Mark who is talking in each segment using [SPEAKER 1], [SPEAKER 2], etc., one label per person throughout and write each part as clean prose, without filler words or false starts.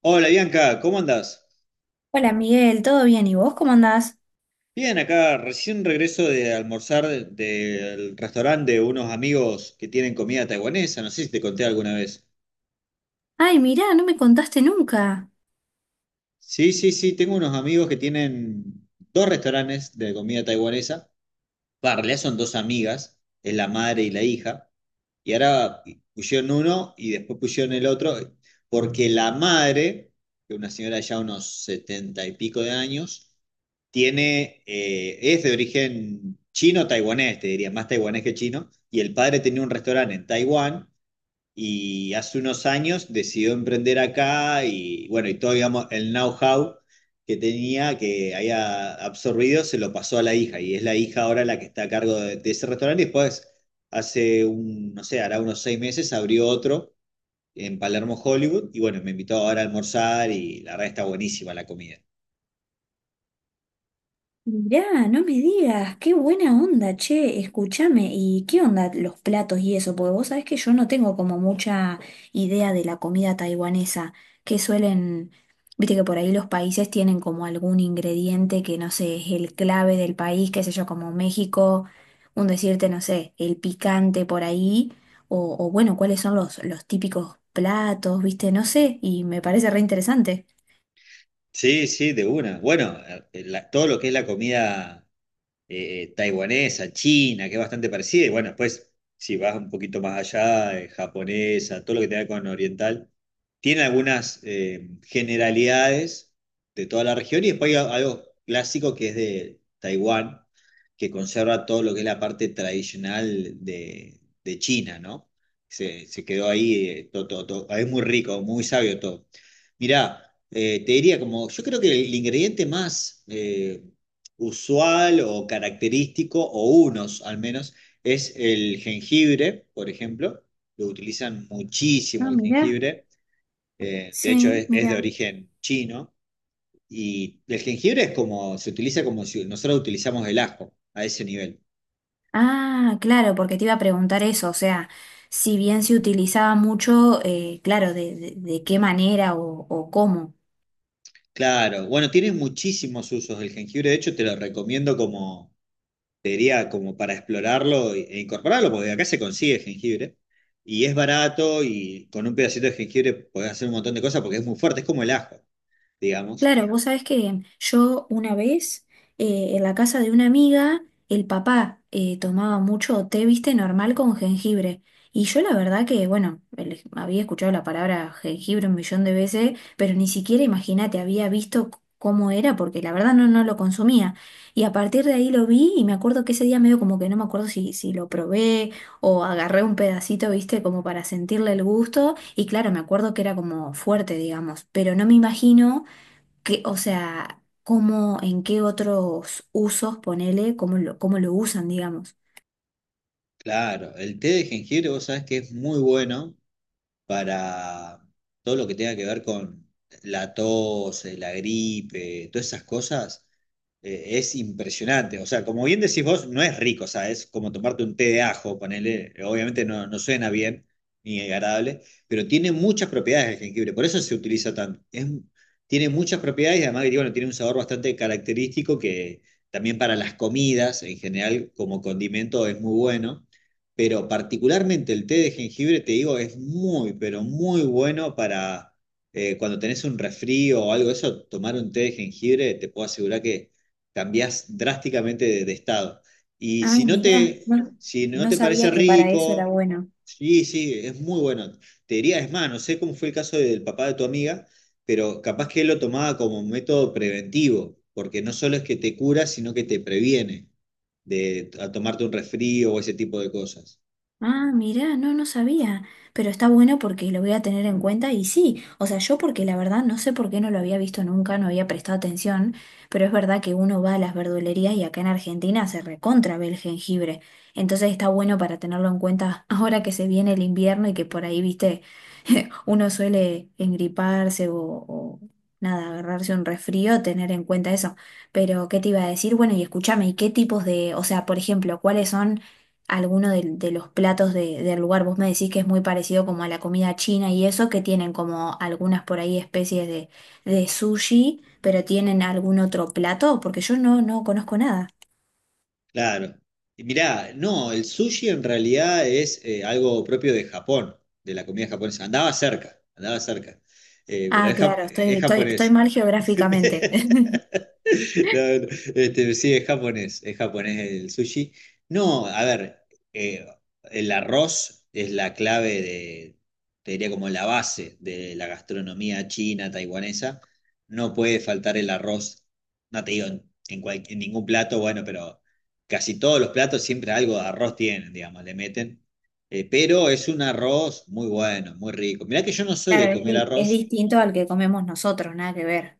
[SPEAKER 1] Hola Bianca, ¿cómo andás?
[SPEAKER 2] Hola Miguel, ¿todo bien? ¿Y vos cómo andás?
[SPEAKER 1] Bien, acá recién regreso de almorzar del restaurante de unos amigos que tienen comida taiwanesa, no sé si te conté alguna vez.
[SPEAKER 2] Ay, mirá, no me contaste nunca.
[SPEAKER 1] Sí, sí, sí, tengo unos amigos que tienen dos restaurantes de comida taiwanesa va, en realidad son dos amigas, es la madre y la hija, y ahora pusieron uno y después pusieron el otro, porque la madre, que es una señora ya unos setenta y pico de años, es de origen chino-taiwanés, te diría, más taiwanés que chino, y el padre tenía un restaurante en Taiwán y hace unos años decidió emprender acá y bueno, y todo, digamos, el know-how que tenía, que había absorbido, se lo pasó a la hija y es la hija ahora la que está a cargo de ese restaurante y después hace un, no sé, hará unos 6 meses abrió otro en Palermo, Hollywood y bueno, me invitó ahora a almorzar y la verdad está buenísima la comida.
[SPEAKER 2] Mirá, no me digas, qué buena onda, che, escúchame, ¿y qué onda los platos y eso? Porque vos sabés que yo no tengo como mucha idea de la comida taiwanesa, que suelen, viste que por ahí los países tienen como algún ingrediente que no sé, es el clave del país, qué sé yo, como México, un decirte, no sé, el picante por ahí, o bueno, cuáles son los típicos platos, viste, no sé, y me parece re interesante.
[SPEAKER 1] Sí, sí, de una. Bueno, todo lo que es la comida taiwanesa, china, que es bastante parecida, y bueno, después, si vas un poquito más allá, japonesa, todo lo que tenga que ver con oriental, tiene algunas generalidades de toda la región, y después hay algo clásico que es de Taiwán, que conserva todo lo que es la parte tradicional de China, ¿no? Se quedó ahí, todo, todo, todo. Ah, es muy rico, muy sabio todo. Mirá, te diría como, yo creo que el ingrediente más usual o característico, o unos al menos, es el jengibre, por ejemplo. Lo utilizan muchísimo
[SPEAKER 2] Ah,
[SPEAKER 1] el
[SPEAKER 2] mirá,
[SPEAKER 1] jengibre. De hecho,
[SPEAKER 2] sí,
[SPEAKER 1] es de
[SPEAKER 2] mirá.
[SPEAKER 1] origen chino. Y el jengibre es como, se utiliza como si nosotros utilizamos el ajo a ese nivel.
[SPEAKER 2] Ah, claro, porque te iba a preguntar eso, o sea, si bien se utilizaba mucho, claro, de qué manera o cómo.
[SPEAKER 1] Claro, bueno, tiene muchísimos usos el jengibre. De hecho, te lo recomiendo como sería como para explorarlo e incorporarlo, porque acá se consigue jengibre y es barato y con un pedacito de jengibre podés hacer un montón de cosas porque es muy fuerte, es como el ajo, digamos.
[SPEAKER 2] Claro, vos sabés que yo una vez en la casa de una amiga, el papá tomaba mucho té, viste, normal con jengibre. Y yo la verdad que, bueno, el- había escuchado la palabra jengibre un millón de veces, pero ni siquiera, imagínate, había visto c- cómo era, porque la verdad no, no lo consumía. Y a partir de ahí lo vi y me acuerdo que ese día medio como que no me acuerdo si lo probé o agarré un pedacito, viste, como para sentirle el gusto. Y claro, me acuerdo que era como fuerte, digamos, pero no me imagino que, o sea, cómo, en qué otros usos, ponele, cómo lo usan, digamos.
[SPEAKER 1] Claro, el té de jengibre vos sabés que es muy bueno para todo lo que tenga que ver con la tos, la gripe, todas esas cosas. Es impresionante. O sea, como bien decís vos, no es rico, o sea, es como tomarte un té de ajo, ponele, obviamente no suena bien ni agradable, pero tiene muchas propiedades el jengibre, por eso se utiliza tanto. Tiene muchas propiedades y además que, bueno, tiene un sabor bastante característico que también para las comidas en general como condimento es muy bueno. Pero particularmente el té de jengibre, te digo, es muy, pero muy bueno para cuando tenés un resfrío o algo de eso, tomar un té de jengibre, te puedo asegurar que cambiás drásticamente de estado. Y
[SPEAKER 2] Ah,
[SPEAKER 1] si no
[SPEAKER 2] mirá,
[SPEAKER 1] te,
[SPEAKER 2] no,
[SPEAKER 1] si no
[SPEAKER 2] no
[SPEAKER 1] te
[SPEAKER 2] sabía
[SPEAKER 1] parece
[SPEAKER 2] que para eso era
[SPEAKER 1] rico,
[SPEAKER 2] bueno.
[SPEAKER 1] sí, sí, es muy bueno. Te diría, es más, no sé cómo fue el caso del papá de tu amiga, pero capaz que él lo tomaba como un método preventivo, porque no solo es que te cura, sino que te previene de a tomarte un resfrío o ese tipo de cosas.
[SPEAKER 2] Ah, mirá, no, no sabía, pero está bueno porque lo voy a tener en cuenta y sí, o sea, yo porque la verdad no sé por qué no lo había visto nunca, no había prestado atención, pero es verdad que uno va a las verdulerías y acá en Argentina se recontra ve el jengibre, entonces está bueno para tenerlo en cuenta ahora que se viene el invierno y que por ahí, viste, uno suele engriparse nada, agarrarse un resfrío, tener en cuenta eso. Pero, ¿qué te iba a decir? Bueno, y escúchame, ¿y qué tipos de, o sea, por ejemplo, cuáles son algunos de los platos de- del lugar? Vos me decís que es muy parecido como a la comida china y eso, que tienen como algunas por ahí especies de sushi, pero tienen algún otro plato, porque yo no, no conozco nada.
[SPEAKER 1] Claro. Y mirá, no, el sushi en realidad es algo propio de Japón, de la comida japonesa. Andaba cerca, pero
[SPEAKER 2] Ah,
[SPEAKER 1] es, jap-
[SPEAKER 2] claro,
[SPEAKER 1] es
[SPEAKER 2] estoy
[SPEAKER 1] japonés.
[SPEAKER 2] mal geográficamente.
[SPEAKER 1] No, no, este, sí, es japonés el sushi. No, a ver, eh, el arroz es la clave de, te diría como la base de la gastronomía china, taiwanesa. No puede faltar el arroz, no te digo en ningún plato, bueno, pero casi todos los platos siempre algo de arroz tienen, digamos, le meten. Pero es un arroz muy bueno, muy rico. Mirá que yo no soy
[SPEAKER 2] Claro,
[SPEAKER 1] de
[SPEAKER 2] es,
[SPEAKER 1] comer
[SPEAKER 2] di- es
[SPEAKER 1] arroz.
[SPEAKER 2] distinto al que comemos nosotros, nada que ver.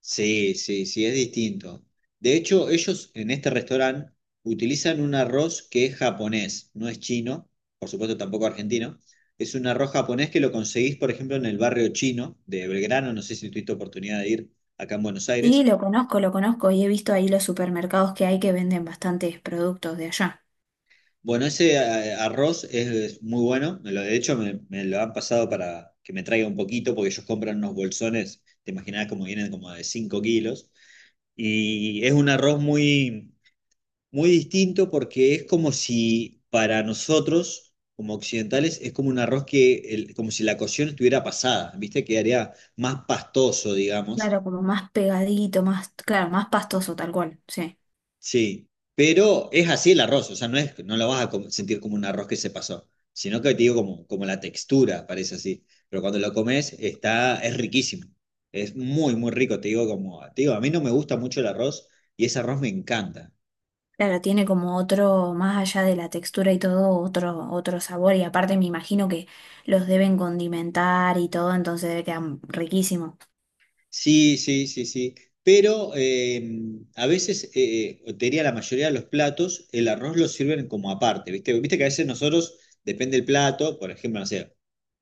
[SPEAKER 1] Sí, sí, sí, es distinto. De hecho, ellos en este restaurante utilizan un arroz que es japonés, no es chino, por supuesto tampoco argentino. Es un arroz japonés que lo conseguís, por ejemplo, en el barrio chino de Belgrano, no sé si tuviste oportunidad de ir acá en Buenos
[SPEAKER 2] Sí,
[SPEAKER 1] Aires.
[SPEAKER 2] lo conozco y he visto ahí los supermercados que hay que venden bastantes productos de allá.
[SPEAKER 1] Bueno, ese arroz es muy bueno, de hecho me lo han pasado para que me traiga un poquito, porque ellos compran unos bolsones, te imaginás como vienen como de 5 kilos. Y es un arroz muy muy distinto porque es como si para nosotros, como occidentales, es como un arroz que, como si la cocción estuviera pasada, ¿viste? Quedaría más pastoso, digamos.
[SPEAKER 2] Claro, como más pegadito, más, claro, más pastoso tal cual, sí.
[SPEAKER 1] Sí. Pero es así el arroz, o sea, no es, no lo vas a sentir como un arroz que se pasó, sino que te digo como, como la textura, parece así. Pero cuando lo comes, está, es riquísimo. Es muy, muy rico, te digo como, te digo, a mí no me gusta mucho el arroz y ese arroz me encanta.
[SPEAKER 2] Claro, tiene como otro, más allá de la textura y todo, otro, otro sabor y aparte me imagino que los deben condimentar y todo, entonces debe quedar riquísimo.
[SPEAKER 1] Sí, sí, sí, sí. Pero a veces, o te diría la mayoría de los platos, el arroz lo sirven como aparte, ¿viste? Viste que a veces nosotros, depende del plato, por ejemplo, no sé,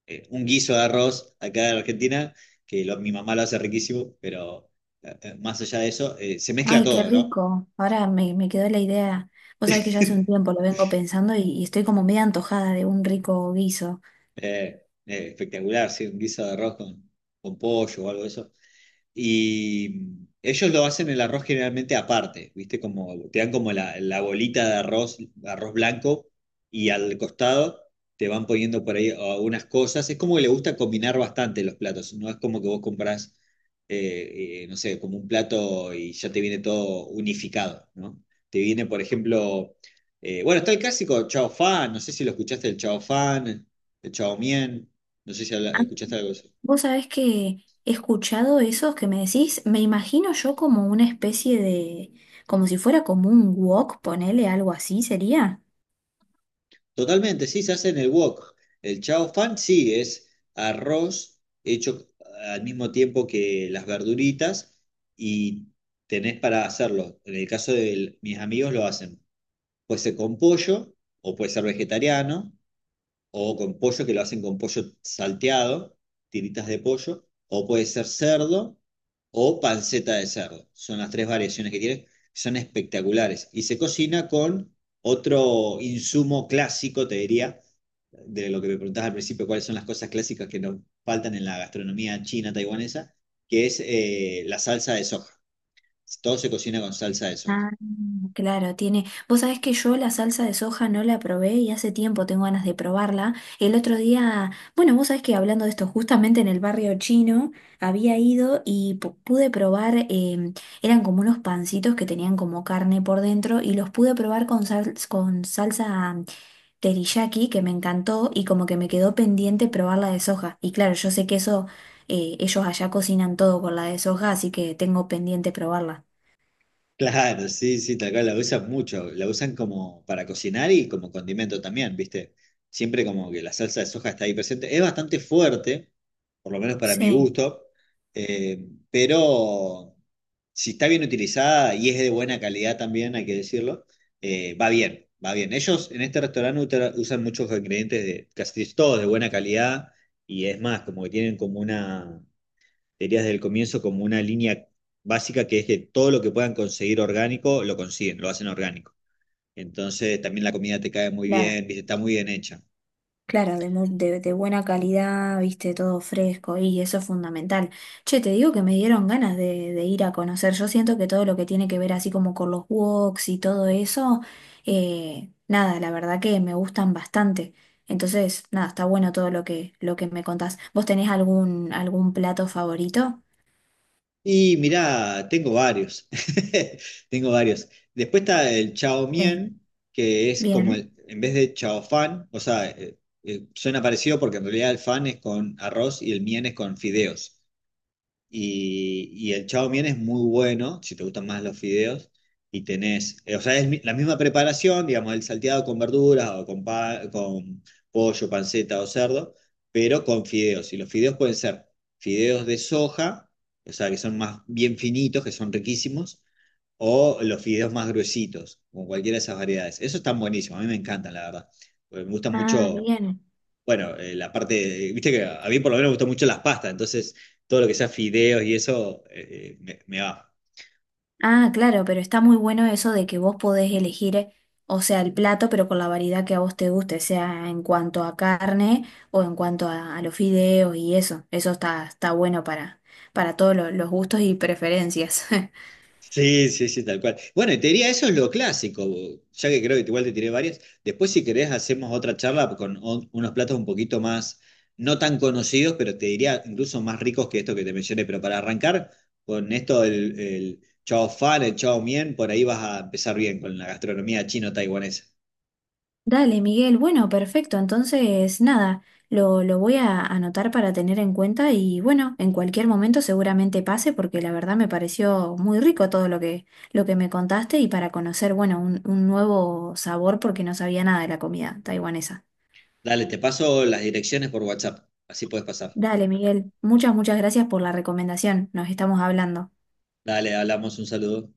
[SPEAKER 1] un guiso de arroz acá en Argentina, que mi mamá lo hace riquísimo, pero más allá de eso, se mezcla
[SPEAKER 2] Ay, qué
[SPEAKER 1] todo, ¿no?
[SPEAKER 2] rico. Ahora me, me quedó la idea. Vos sabés que ya hace un tiempo lo vengo pensando y estoy como media antojada de un rico guiso.
[SPEAKER 1] Espectacular, sí, un guiso de arroz con pollo o algo de eso. Y ellos lo hacen el arroz generalmente aparte, ¿viste? Como, te dan como la bolita de arroz, arroz blanco, y al costado te van poniendo por ahí algunas cosas. Es como que le gusta combinar bastante los platos, no es como que vos comprás, no sé, como un plato y ya te viene todo unificado, ¿no? Te viene, por ejemplo, bueno, está el clásico chao fan, no sé si lo escuchaste, el chao fan, el chao mien, no sé si escuchaste algo de eso.
[SPEAKER 2] Vos sabés que he escuchado esos que me decís, me imagino yo como una especie de, como si fuera como un wok, ponele algo así, ¿sería?
[SPEAKER 1] Totalmente, sí, se hace en el wok. El chao fan sí es arroz hecho al mismo tiempo que las verduritas y tenés para hacerlo. En el caso de mis amigos lo hacen. Puede ser con pollo o puede ser vegetariano o con pollo, que lo hacen con pollo salteado, tiritas de pollo, o puede ser cerdo o panceta de cerdo. Son las tres variaciones que tiene, son espectaculares. Y se cocina con otro insumo clásico, te diría, de lo que me preguntabas al principio, cuáles son las cosas clásicas que nos faltan en la gastronomía china taiwanesa, que es la salsa de soja. Todo se cocina con salsa de soja.
[SPEAKER 2] Ah, claro, tiene. Vos sabés que yo la salsa de soja no la probé y hace tiempo tengo ganas de probarla. El otro día, bueno, vos sabés que hablando de esto, justamente en el barrio chino había ido y pu- pude probar, eran como unos pancitos que tenían como carne por dentro y los pude probar con sal- con salsa teriyaki que me encantó y como que me quedó pendiente probar la de soja. Y claro, yo sé que eso, ellos allá cocinan todo con la de soja, así que tengo pendiente probarla.
[SPEAKER 1] Claro, sí, sí, tal cual, la usan mucho, la usan como para cocinar y como condimento también, ¿viste? Siempre como que la salsa de soja está ahí presente. Es bastante fuerte, por lo menos para mi
[SPEAKER 2] Sí.
[SPEAKER 1] gusto, eh, pero si está bien utilizada y es de buena calidad también, hay que decirlo, va bien, va bien. Ellos en este restaurante usan muchos ingredientes de casi todos de buena calidad y es más, como que tienen como una diría desde el comienzo como una línea básica que es que todo lo que puedan conseguir orgánico lo consiguen, lo hacen orgánico. Entonces también la comida te cae muy
[SPEAKER 2] Claro.
[SPEAKER 1] bien, ¿viste? Está muy bien hecha.
[SPEAKER 2] Claro, de, mu- de buena calidad, viste, todo fresco y eso es fundamental. Che, te digo que me dieron ganas de ir a conocer. Yo siento que todo lo que tiene que ver así como con los woks y todo eso, nada, la verdad que me gustan bastante. Entonces, nada, está bueno todo lo que me contás. ¿Vos tenés algún, algún plato favorito?
[SPEAKER 1] Y mirá, tengo varios, tengo varios. Después está el chao
[SPEAKER 2] Sí.
[SPEAKER 1] mien, que es como
[SPEAKER 2] Bien.
[SPEAKER 1] el, en vez de chao fan, o sea, suena parecido porque en realidad el fan es con arroz y el mien es con fideos. Y el chao mien es muy bueno, si te gustan más los fideos, y tenés, o sea, es la misma preparación, digamos, el salteado con verduras o con pollo, panceta o cerdo, pero con fideos. Y los fideos pueden ser fideos de soja, o sea, que son más bien finitos, que son riquísimos, o los fideos más gruesitos, con cualquiera de esas variedades. Esos están buenísimos, a mí me encantan, la verdad, porque me gustan
[SPEAKER 2] Ah,
[SPEAKER 1] mucho
[SPEAKER 2] bien.
[SPEAKER 1] bueno, la parte, viste que a mí por lo menos me gustan mucho las pastas, entonces todo lo que sea fideos y eso me va.
[SPEAKER 2] Ah, claro, pero está muy bueno eso de que vos podés elegir, o sea, el plato, pero con la variedad que a vos te guste, sea en cuanto a carne o en cuanto a los fideos y eso. Eso está, está bueno para todos lo- los gustos y preferencias.
[SPEAKER 1] Sí, sí, sí, tal cual. Bueno, y te diría, eso es lo clásico, ya que creo que igual te tiré varias. Después, si querés, hacemos otra charla con unos platos un poquito más, no tan conocidos, pero te diría incluso más ricos que esto que te mencioné. Pero para arrancar con esto del el chao fan, el chao mien, por ahí vas a empezar bien con la gastronomía chino-taiwanesa.
[SPEAKER 2] Dale, Miguel. Bueno, perfecto. Entonces, nada, lo voy a anotar para tener en cuenta y bueno, en cualquier momento seguramente pase porque la verdad me pareció muy rico todo lo que me contaste y para conocer, bueno, un nuevo sabor porque no sabía nada de la comida taiwanesa.
[SPEAKER 1] Dale, te paso las direcciones por WhatsApp, así puedes pasar.
[SPEAKER 2] Dale, Miguel. Muchas, muchas gracias por la recomendación. Nos estamos hablando.
[SPEAKER 1] Dale, hablamos, un saludo.